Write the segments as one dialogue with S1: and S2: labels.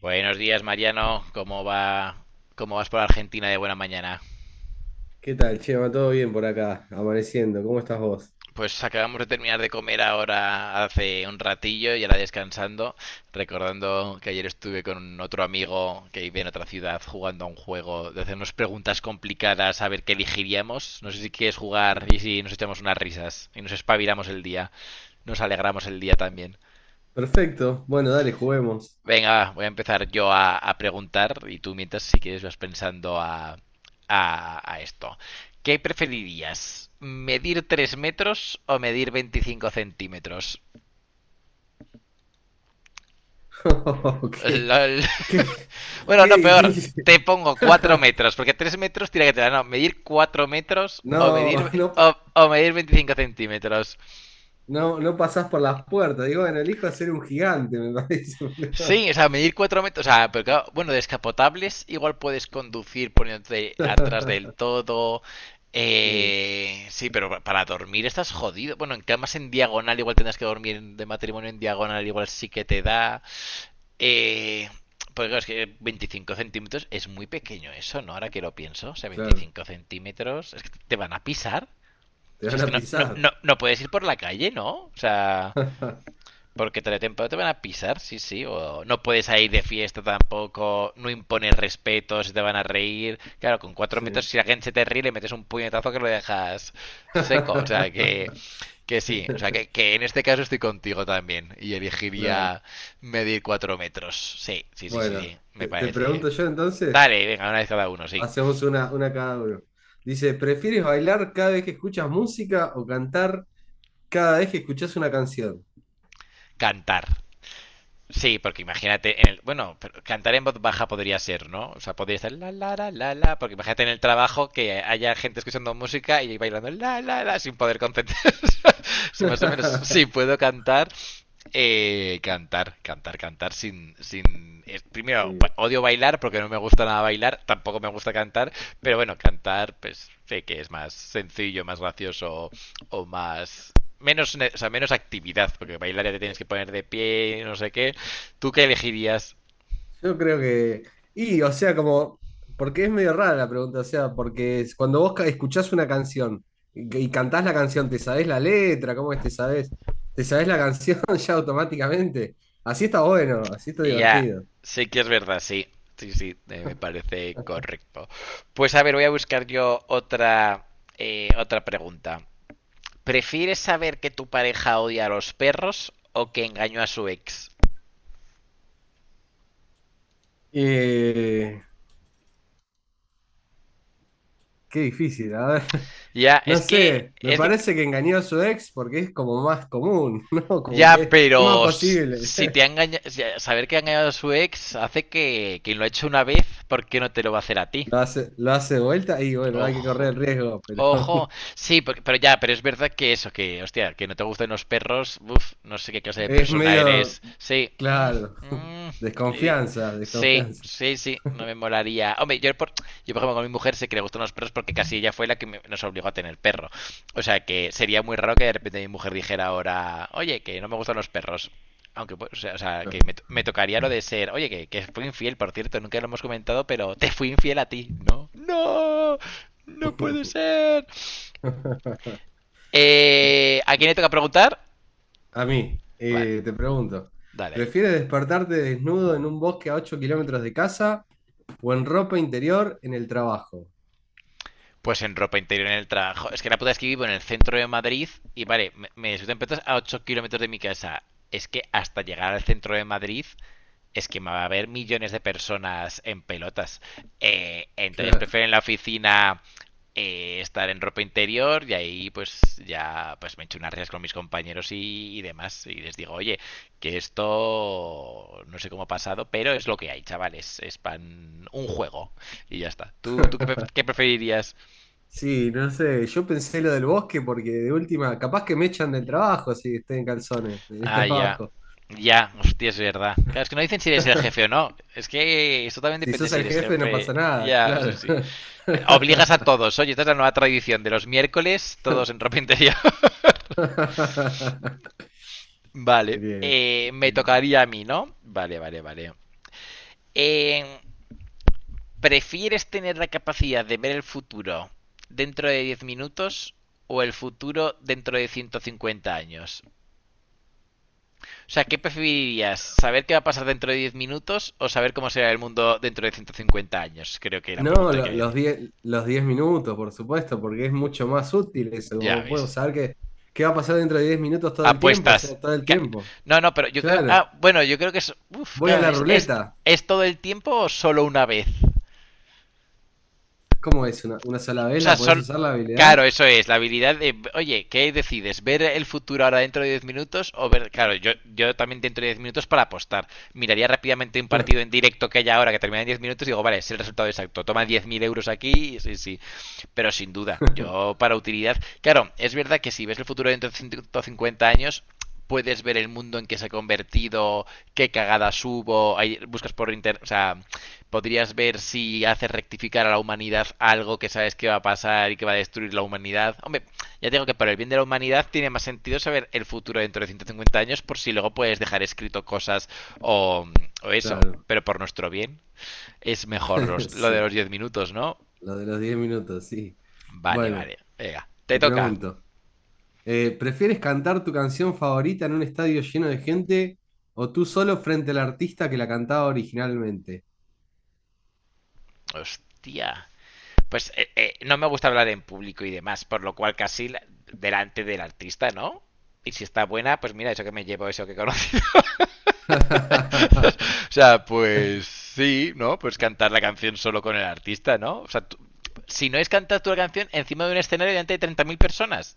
S1: Buenos días, Mariano. ¿Cómo va? ¿Cómo vas por Argentina de buena mañana?
S2: ¿Qué tal, Chema? ¿Todo bien por acá? Amaneciendo. ¿Cómo estás vos?
S1: Pues acabamos de terminar de comer ahora hace un ratillo y ahora descansando, recordando que ayer estuve con otro amigo que vive en otra ciudad jugando a un juego de hacernos preguntas complicadas a ver qué elegiríamos. No sé si quieres jugar y si nos echamos unas risas y nos espabilamos el día, nos alegramos el día también.
S2: Perfecto. Bueno, dale, juguemos.
S1: Venga, va, voy a empezar yo a preguntar y tú mientras si quieres vas pensando a esto. ¿Qué preferirías? ¿Medir 3 metros o medir 25 centímetros?
S2: qué,
S1: Lol.
S2: qué,
S1: Bueno,
S2: qué
S1: no, peor.
S2: difícil.
S1: Te pongo 4 metros, porque 3 metros tiene que tener. No, medir 4 metros o
S2: No,
S1: medir,
S2: no, po-
S1: o medir 25 centímetros.
S2: no, no pasás por las puertas. Digo, bueno, elijo ser un gigante, me parece.
S1: Sí, o sea, medir 4 metros, o sea, pero claro, bueno, descapotables igual puedes conducir poniéndote atrás del todo.
S2: Sí,
S1: Sí, pero para dormir estás jodido. Bueno, en camas en diagonal igual tendrás que dormir de matrimonio en diagonal, igual sí que te da. Eh, pues claro, es que 25 centímetros es muy pequeño eso, ¿no? Ahora que lo pienso, o sea,
S2: claro.
S1: 25 centímetros, es que te van a pisar.
S2: Te
S1: O sea,
S2: van
S1: es que
S2: a
S1: no, no,
S2: pisar.
S1: no, no puedes ir por la calle, ¿no? O sea. Porque te van a pisar, sí, sí. O no puedes ir de fiesta tampoco, no impones respeto, se te van a reír. Claro, con cuatro
S2: Sí.
S1: metros, si la gente se te ríe, le metes un puñetazo que lo dejas seco. O sea, que, que sí. O sea, que en este caso estoy contigo también. Y
S2: Claro.
S1: elegiría medir 4 metros. Sí, sí, sí, sí,
S2: Bueno,
S1: sí. Me
S2: te
S1: parece.
S2: pregunto yo entonces.
S1: Dale, venga, una vez cada uno, sí.
S2: Hacemos una cada uno. Dice, ¿prefieres bailar cada vez que escuchas música o cantar cada vez que escuchas una canción?
S1: Cantar. Sí, porque imagínate, en el, bueno, pero cantar en voz baja podría ser, ¿no? O sea, podría estar la la la la la, porque imagínate en el trabajo que haya gente escuchando música y bailando la la la sin poder concentrarse. Si más o menos, sí puedo cantar. Sin, sin, primero
S2: Sí.
S1: ba- Odio bailar porque no me gusta nada bailar, tampoco me gusta cantar, pero bueno, cantar, pues sé que es más sencillo, más gracioso o más menos, o sea, menos actividad, porque bailar ya te tienes que poner de pie, y no sé qué. ¿Tú qué elegirías?
S2: Yo creo que… Y, o sea, como... Porque es medio rara la pregunta, o sea, cuando vos escuchás una canción y cantás la canción, ¿te sabés la letra? ¿Cómo es te sabés? ¿Te sabés la canción ya automáticamente? Así está bueno, así está
S1: Ya,
S2: divertido.
S1: sé que es verdad, sí. Sí, sí, me parece correcto. Pues a ver, voy a buscar yo otra pregunta. ¿Prefieres saber que tu pareja odia a los perros o que engañó a su ex?
S2: Eh, qué difícil, a ver.
S1: Ya,
S2: No sé, me parece que engañó a su ex porque es como más común, ¿no? Como que
S1: ya,
S2: es más
S1: pero
S2: posible.
S1: si te ha engañado, saber que ha engañado a su ex hace que quien lo ha hecho una vez, ¿por qué no te lo va a hacer a ti?
S2: Lo hace de vuelta y bueno, hay que correr
S1: Ojo,
S2: el riesgo, pero
S1: ojo. Sí, pero ya, pero es verdad que eso, que, hostia, que no te gustan los perros, uf, no sé qué clase de
S2: es
S1: persona
S2: medio,
S1: eres. Sí,
S2: claro,
S1: mm, y-
S2: desconfianza,
S1: sí,
S2: desconfianza.
S1: sí, sí, no me molaría. Hombre, yo por ejemplo con mi mujer sé que le gustan los perros porque casi ella fue la que nos obligó a tener perro. O sea que sería muy raro que de repente mi mujer dijera ahora, oye, que no me gustan los perros. Aunque, pues, que
S2: Claro.
S1: me tocaría lo de ser, oye, que fui infiel, por cierto, nunca lo hemos comentado, pero te fui infiel a ti, ¿no? ¡No! ¡No puede ser! ¿A quién le toca preguntar?
S2: A mí,
S1: Vale,
S2: te pregunto,
S1: dale ahí.
S2: ¿prefieres despertarte desnudo en un bosque a 8 kilómetros de casa o en ropa interior en el trabajo?
S1: Pues en ropa interior en el trabajo. Es que la puta es que vivo en el centro de Madrid y vale, me surten petas a 8 kilómetros de mi casa. Es que hasta llegar al centro de Madrid es que va a haber millones de personas en pelotas. Entonces
S2: Claro.
S1: prefieren la oficina, estar en ropa interior y ahí pues ya pues me echo unas risas con mis compañeros y demás y les digo, oye, que esto no sé cómo ha pasado, pero es lo que hay, chavales, es pan un juego y ya está. ¿Tú qué, qué preferirías?
S2: Sí, no sé, yo pensé lo del bosque porque de última, capaz que me echan del trabajo si estoy en calzones, del
S1: Ah, ya.
S2: trabajo.
S1: Ya, hostia, es verdad. Claro, es que no dicen si eres el jefe o no. Es que esto también
S2: Si
S1: depende
S2: sos
S1: si
S2: el
S1: eres
S2: jefe no
S1: jefe.
S2: pasa nada,
S1: Ya, sí,
S2: claro.
S1: sí. Obligas a todos. Oye, esta es la nueva tradición de los miércoles, todos en ropa interior. Vale.
S2: Bien.
S1: Me
S2: Bien.
S1: tocaría a mí, ¿no? Vale, vale, vale. Eh, ¿Prefieres tener la capacidad de ver el futuro dentro de 10 minutos o el futuro dentro de 150 años? O sea, ¿qué preferirías? ¿Saber qué va a pasar dentro de 10 minutos o saber cómo será el mundo dentro de 150 años? Creo que la
S2: No,
S1: pregunta quiere decir.
S2: los 10 minutos, por supuesto, porque es mucho más útil eso,
S1: Ya
S2: como puedo
S1: ves.
S2: saber qué va a pasar dentro de 10 minutos todo el tiempo, o
S1: Apuestas.
S2: sea, todo el tiempo.
S1: No, no, pero yo creo.
S2: Claro.
S1: Ah, bueno, yo creo que es. Uf,
S2: Voy a
S1: claro,
S2: la
S1: ¿es, es,
S2: ruleta.
S1: es todo el tiempo o solo una vez?
S2: ¿Cómo es? Una sola
S1: O
S2: vez
S1: sea,
S2: la podés
S1: son.
S2: usar la
S1: Claro,
S2: habilidad?
S1: eso es, la habilidad de. Oye, ¿qué decides? ¿Ver el futuro ahora dentro de 10 minutos? O ver. Claro, yo también dentro de 10 minutos para apostar. Miraría rápidamente un partido en directo que haya ahora que termina en 10 minutos y digo, vale, es el resultado exacto. Toma 10.000 euros aquí, sí, sí. Pero sin duda, yo para utilidad. Claro, es verdad que si ves el futuro dentro de 150 años, puedes ver el mundo en que se ha convertido, qué cagadas hubo, ahí buscas por internet, o sea, podrías ver si hace rectificar a la humanidad algo que sabes que va a pasar y que va a destruir la humanidad. Hombre, ya digo que para el bien de la humanidad tiene más sentido saber el futuro dentro de 150 años por si luego puedes dejar escrito cosas o, o eso.
S2: Claro.
S1: Pero por nuestro bien es mejor lo de
S2: Sí.
S1: los 10 minutos, ¿no?
S2: Lo de los 10 minutos, sí.
S1: Vale,
S2: Bueno,
S1: vale. Venga, te
S2: te
S1: toca.
S2: pregunto, ¿prefieres cantar tu canción favorita en un estadio lleno de gente o tú solo frente al artista que la cantaba originalmente?
S1: Hostia. Pues no me gusta hablar en público y demás, por lo cual casi delante del artista, ¿no? Y si está buena, pues mira, eso que me llevo, eso que conozco. O sea, pues sí, ¿no? Pues cantar la canción solo con el artista, ¿no? O sea, si no es cantar tu canción encima de un escenario delante de 30.000 personas.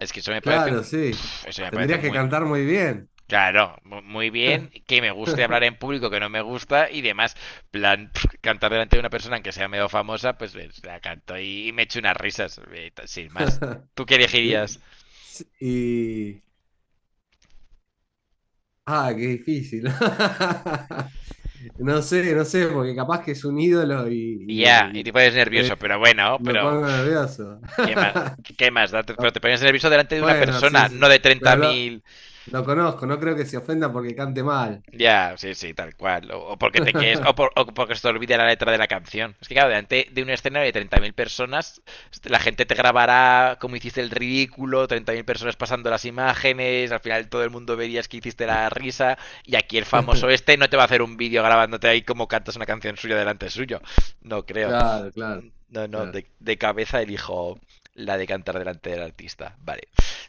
S1: Es que eso me parece
S2: Claro, sí.
S1: eso me parece
S2: Tendrías que
S1: muy
S2: cantar muy bien.
S1: claro, muy bien que me guste hablar en público que no me gusta y demás, plan cantar delante de una persona que sea medio famosa, pues la canto y me echo unas risas, sin más. ¿Tú qué elegirías?
S2: Te- sí. Y… Ah, qué difícil. No sé, no sé, porque capaz que es un ídolo
S1: Ya,
S2: y-
S1: y te
S2: y
S1: pones
S2: me,
S1: nervioso, pero bueno,
S2: me pongo nervioso.
S1: ¿qué más? ¿Qué más? Pero te pones nervioso delante de una
S2: Bueno, sí,
S1: persona, no
S2: sí.
S1: de treinta
S2: Pero
S1: mil
S2: lo conozco, no creo que se ofenda porque cante mal.
S1: Ya, sí, sí, tal cual. O porque te quedes, o porque se te olvide la letra de la canción. Es que claro, delante de un escenario de 30.000 personas, la gente te grabará como hiciste el ridículo, 30.000 personas pasando las imágenes, al final todo el mundo verías que hiciste la risa, y aquí el famoso este no te va a hacer un vídeo grabándote ahí como cantas una canción suya delante suyo. No creo.
S2: Claro, claro,
S1: No, no,
S2: claro.
S1: de cabeza elijo la de cantar delante del artista. Vale.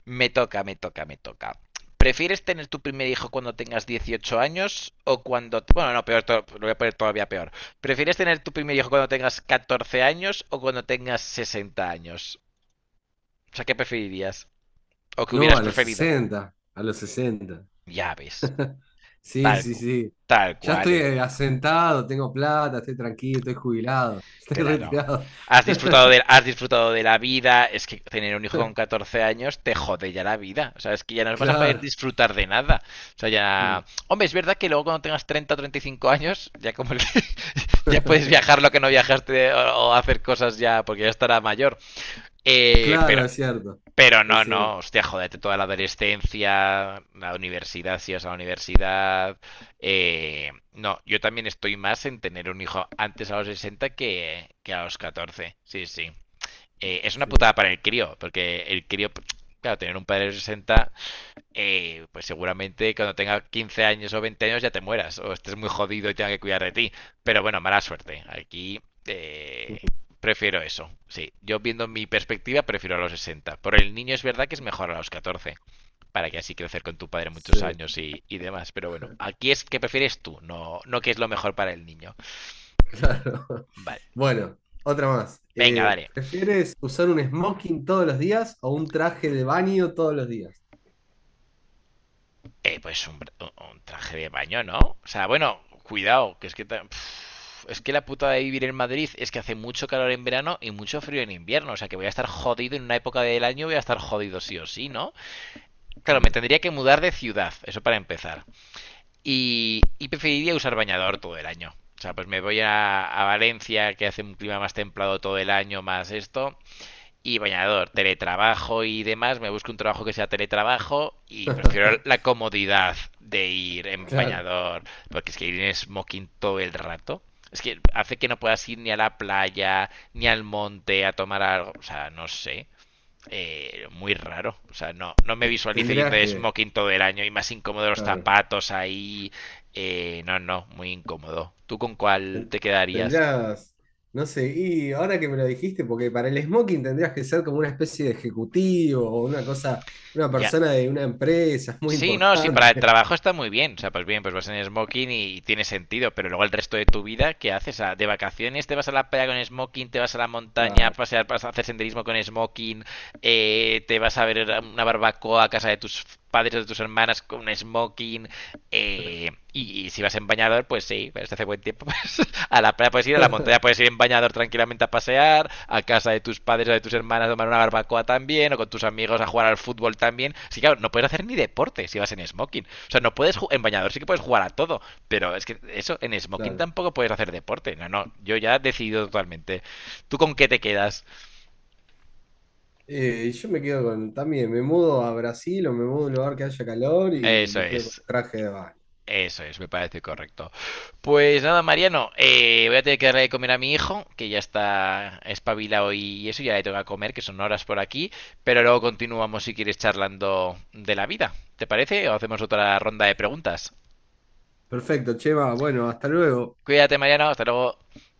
S1: Me toca, me toca, me toca. ¿Prefieres tener tu primer hijo cuando tengas 18 años o cuando? Bueno, no, peor, lo voy a poner todavía peor. ¿Prefieres tener tu primer hijo cuando tengas 14 años o cuando tengas 60 años? O sea, ¿qué preferirías? ¿O qué
S2: No,
S1: hubieras preferido?
S2: a los sesenta.
S1: Ya ves.
S2: Sí,
S1: Tal,
S2: sí, sí.
S1: tal
S2: Ya
S1: cual,
S2: estoy asentado, tengo plata, estoy tranquilo, estoy jubilado, estoy
S1: Claro.
S2: retirado.
S1: Has disfrutado de la vida. Es que tener un hijo con 14 años te jode ya la vida. O sea, es que ya no vas a poder
S2: Claro.
S1: disfrutar de nada. O sea,
S2: Mm.
S1: ya. Hombre, es verdad que luego cuando tengas 30 o 35 años, ya como ya puedes viajar lo que no viajaste o hacer cosas ya, porque ya estará mayor. Eh, pero
S2: Claro, es cierto.
S1: pero
S2: Es
S1: no,
S2: cierto.
S1: no, hostia, jodete toda la adolescencia, la universidad, si vas a la universidad. No, yo también estoy más en tener un hijo antes a los 60 que a los 14. Sí, sí. Es una putada
S2: Sí.
S1: para el crío, porque el crío, claro, tener un padre de 60, pues seguramente cuando tenga 15 años o 20 años ya te mueras o estés muy jodido y tenga que cuidar de ti. Pero bueno, mala suerte. Aquí eh, prefiero eso. Sí, yo viendo mi perspectiva prefiero a los 60. Por el niño es verdad que es mejor a los 14, para que así crecer con tu padre muchos
S2: Sí.
S1: años y demás. Pero bueno, aquí es que prefieres tú, no que es lo mejor para el niño.
S2: Claro.
S1: Vale,
S2: Bueno, otra más.
S1: venga, dale.
S2: ¿Prefieres usar un smoking todos los días o un traje de baño todos los días?
S1: Pues un traje de baño, ¿no? O sea, bueno, cuidado, que es que es que la puta de vivir en Madrid es que hace mucho calor en verano y mucho frío en invierno. O sea, que voy a estar jodido en una época del año, voy a estar jodido sí o sí, ¿no? Claro, me
S2: Claro,
S1: tendría que mudar de ciudad, eso para empezar. Y preferiría usar bañador todo el año. O sea, pues me voy a Valencia, que hace un clima más templado todo el año, más esto y bañador, teletrabajo y demás, me busco un trabajo que sea teletrabajo y prefiero la comodidad de ir en
S2: claro.
S1: bañador, porque es que ir en smoking todo el rato, es que hace que no puedas ir ni a la playa, ni al monte a tomar algo, o sea, no sé. Muy raro, o sea, no me visualizo yendo
S2: Tendrías
S1: de
S2: que,
S1: smoking todo el año y más incómodo los
S2: claro.
S1: zapatos ahí. No, no, muy incómodo. ¿Tú con cuál te
S2: Ten-
S1: quedarías?
S2: Tendrías, no sé, y ahora que me lo dijiste, porque para el smoking tendrías que ser como una especie de ejecutivo o una cosa, una
S1: Ya,
S2: persona de una empresa, es muy
S1: sí, no, sí, para el
S2: importante.
S1: trabajo está muy bien. O sea, pues bien, pues vas en smoking y tiene sentido, pero luego el resto de tu vida, ¿qué haces? O sea, de vacaciones te vas a la playa con smoking, te vas a la montaña a
S2: Claro,
S1: pasear, vas a hacer senderismo con smoking, te vas a ver una barbacoa a casa de tus padres o de tus hermanas con un smoking, si vas en bañador, pues sí, pero si hace buen tiempo. Pues, a la playa puedes ir, a la montaña puedes ir en bañador tranquilamente a pasear, a casa de tus padres o de tus hermanas a tomar una barbacoa también, o con tus amigos a jugar al fútbol también. Sí, claro, no puedes hacer ni deporte si vas en smoking. O sea, no puedes en bañador, sí que puedes jugar a todo, pero es que eso, en smoking
S2: claro.
S1: tampoco puedes hacer deporte. No, no, yo ya he decidido totalmente. ¿Tú con qué te quedas?
S2: Yo me quedo con, también, me mudo a Brasil o me mudo a un lugar que haya calor y
S1: Eso
S2: me quedo con
S1: es.
S2: el traje de baño.
S1: Eso es, me parece correcto. Pues nada, Mariano, voy a tener que darle de comer a mi hijo, que ya está espabilado y eso, ya le tengo que comer, que son horas por aquí, pero luego continuamos si quieres charlando de la vida. ¿Te parece? O hacemos otra ronda de preguntas.
S2: Perfecto, Chema. Bueno, hasta luego.
S1: Cuídate, Mariano, hasta luego.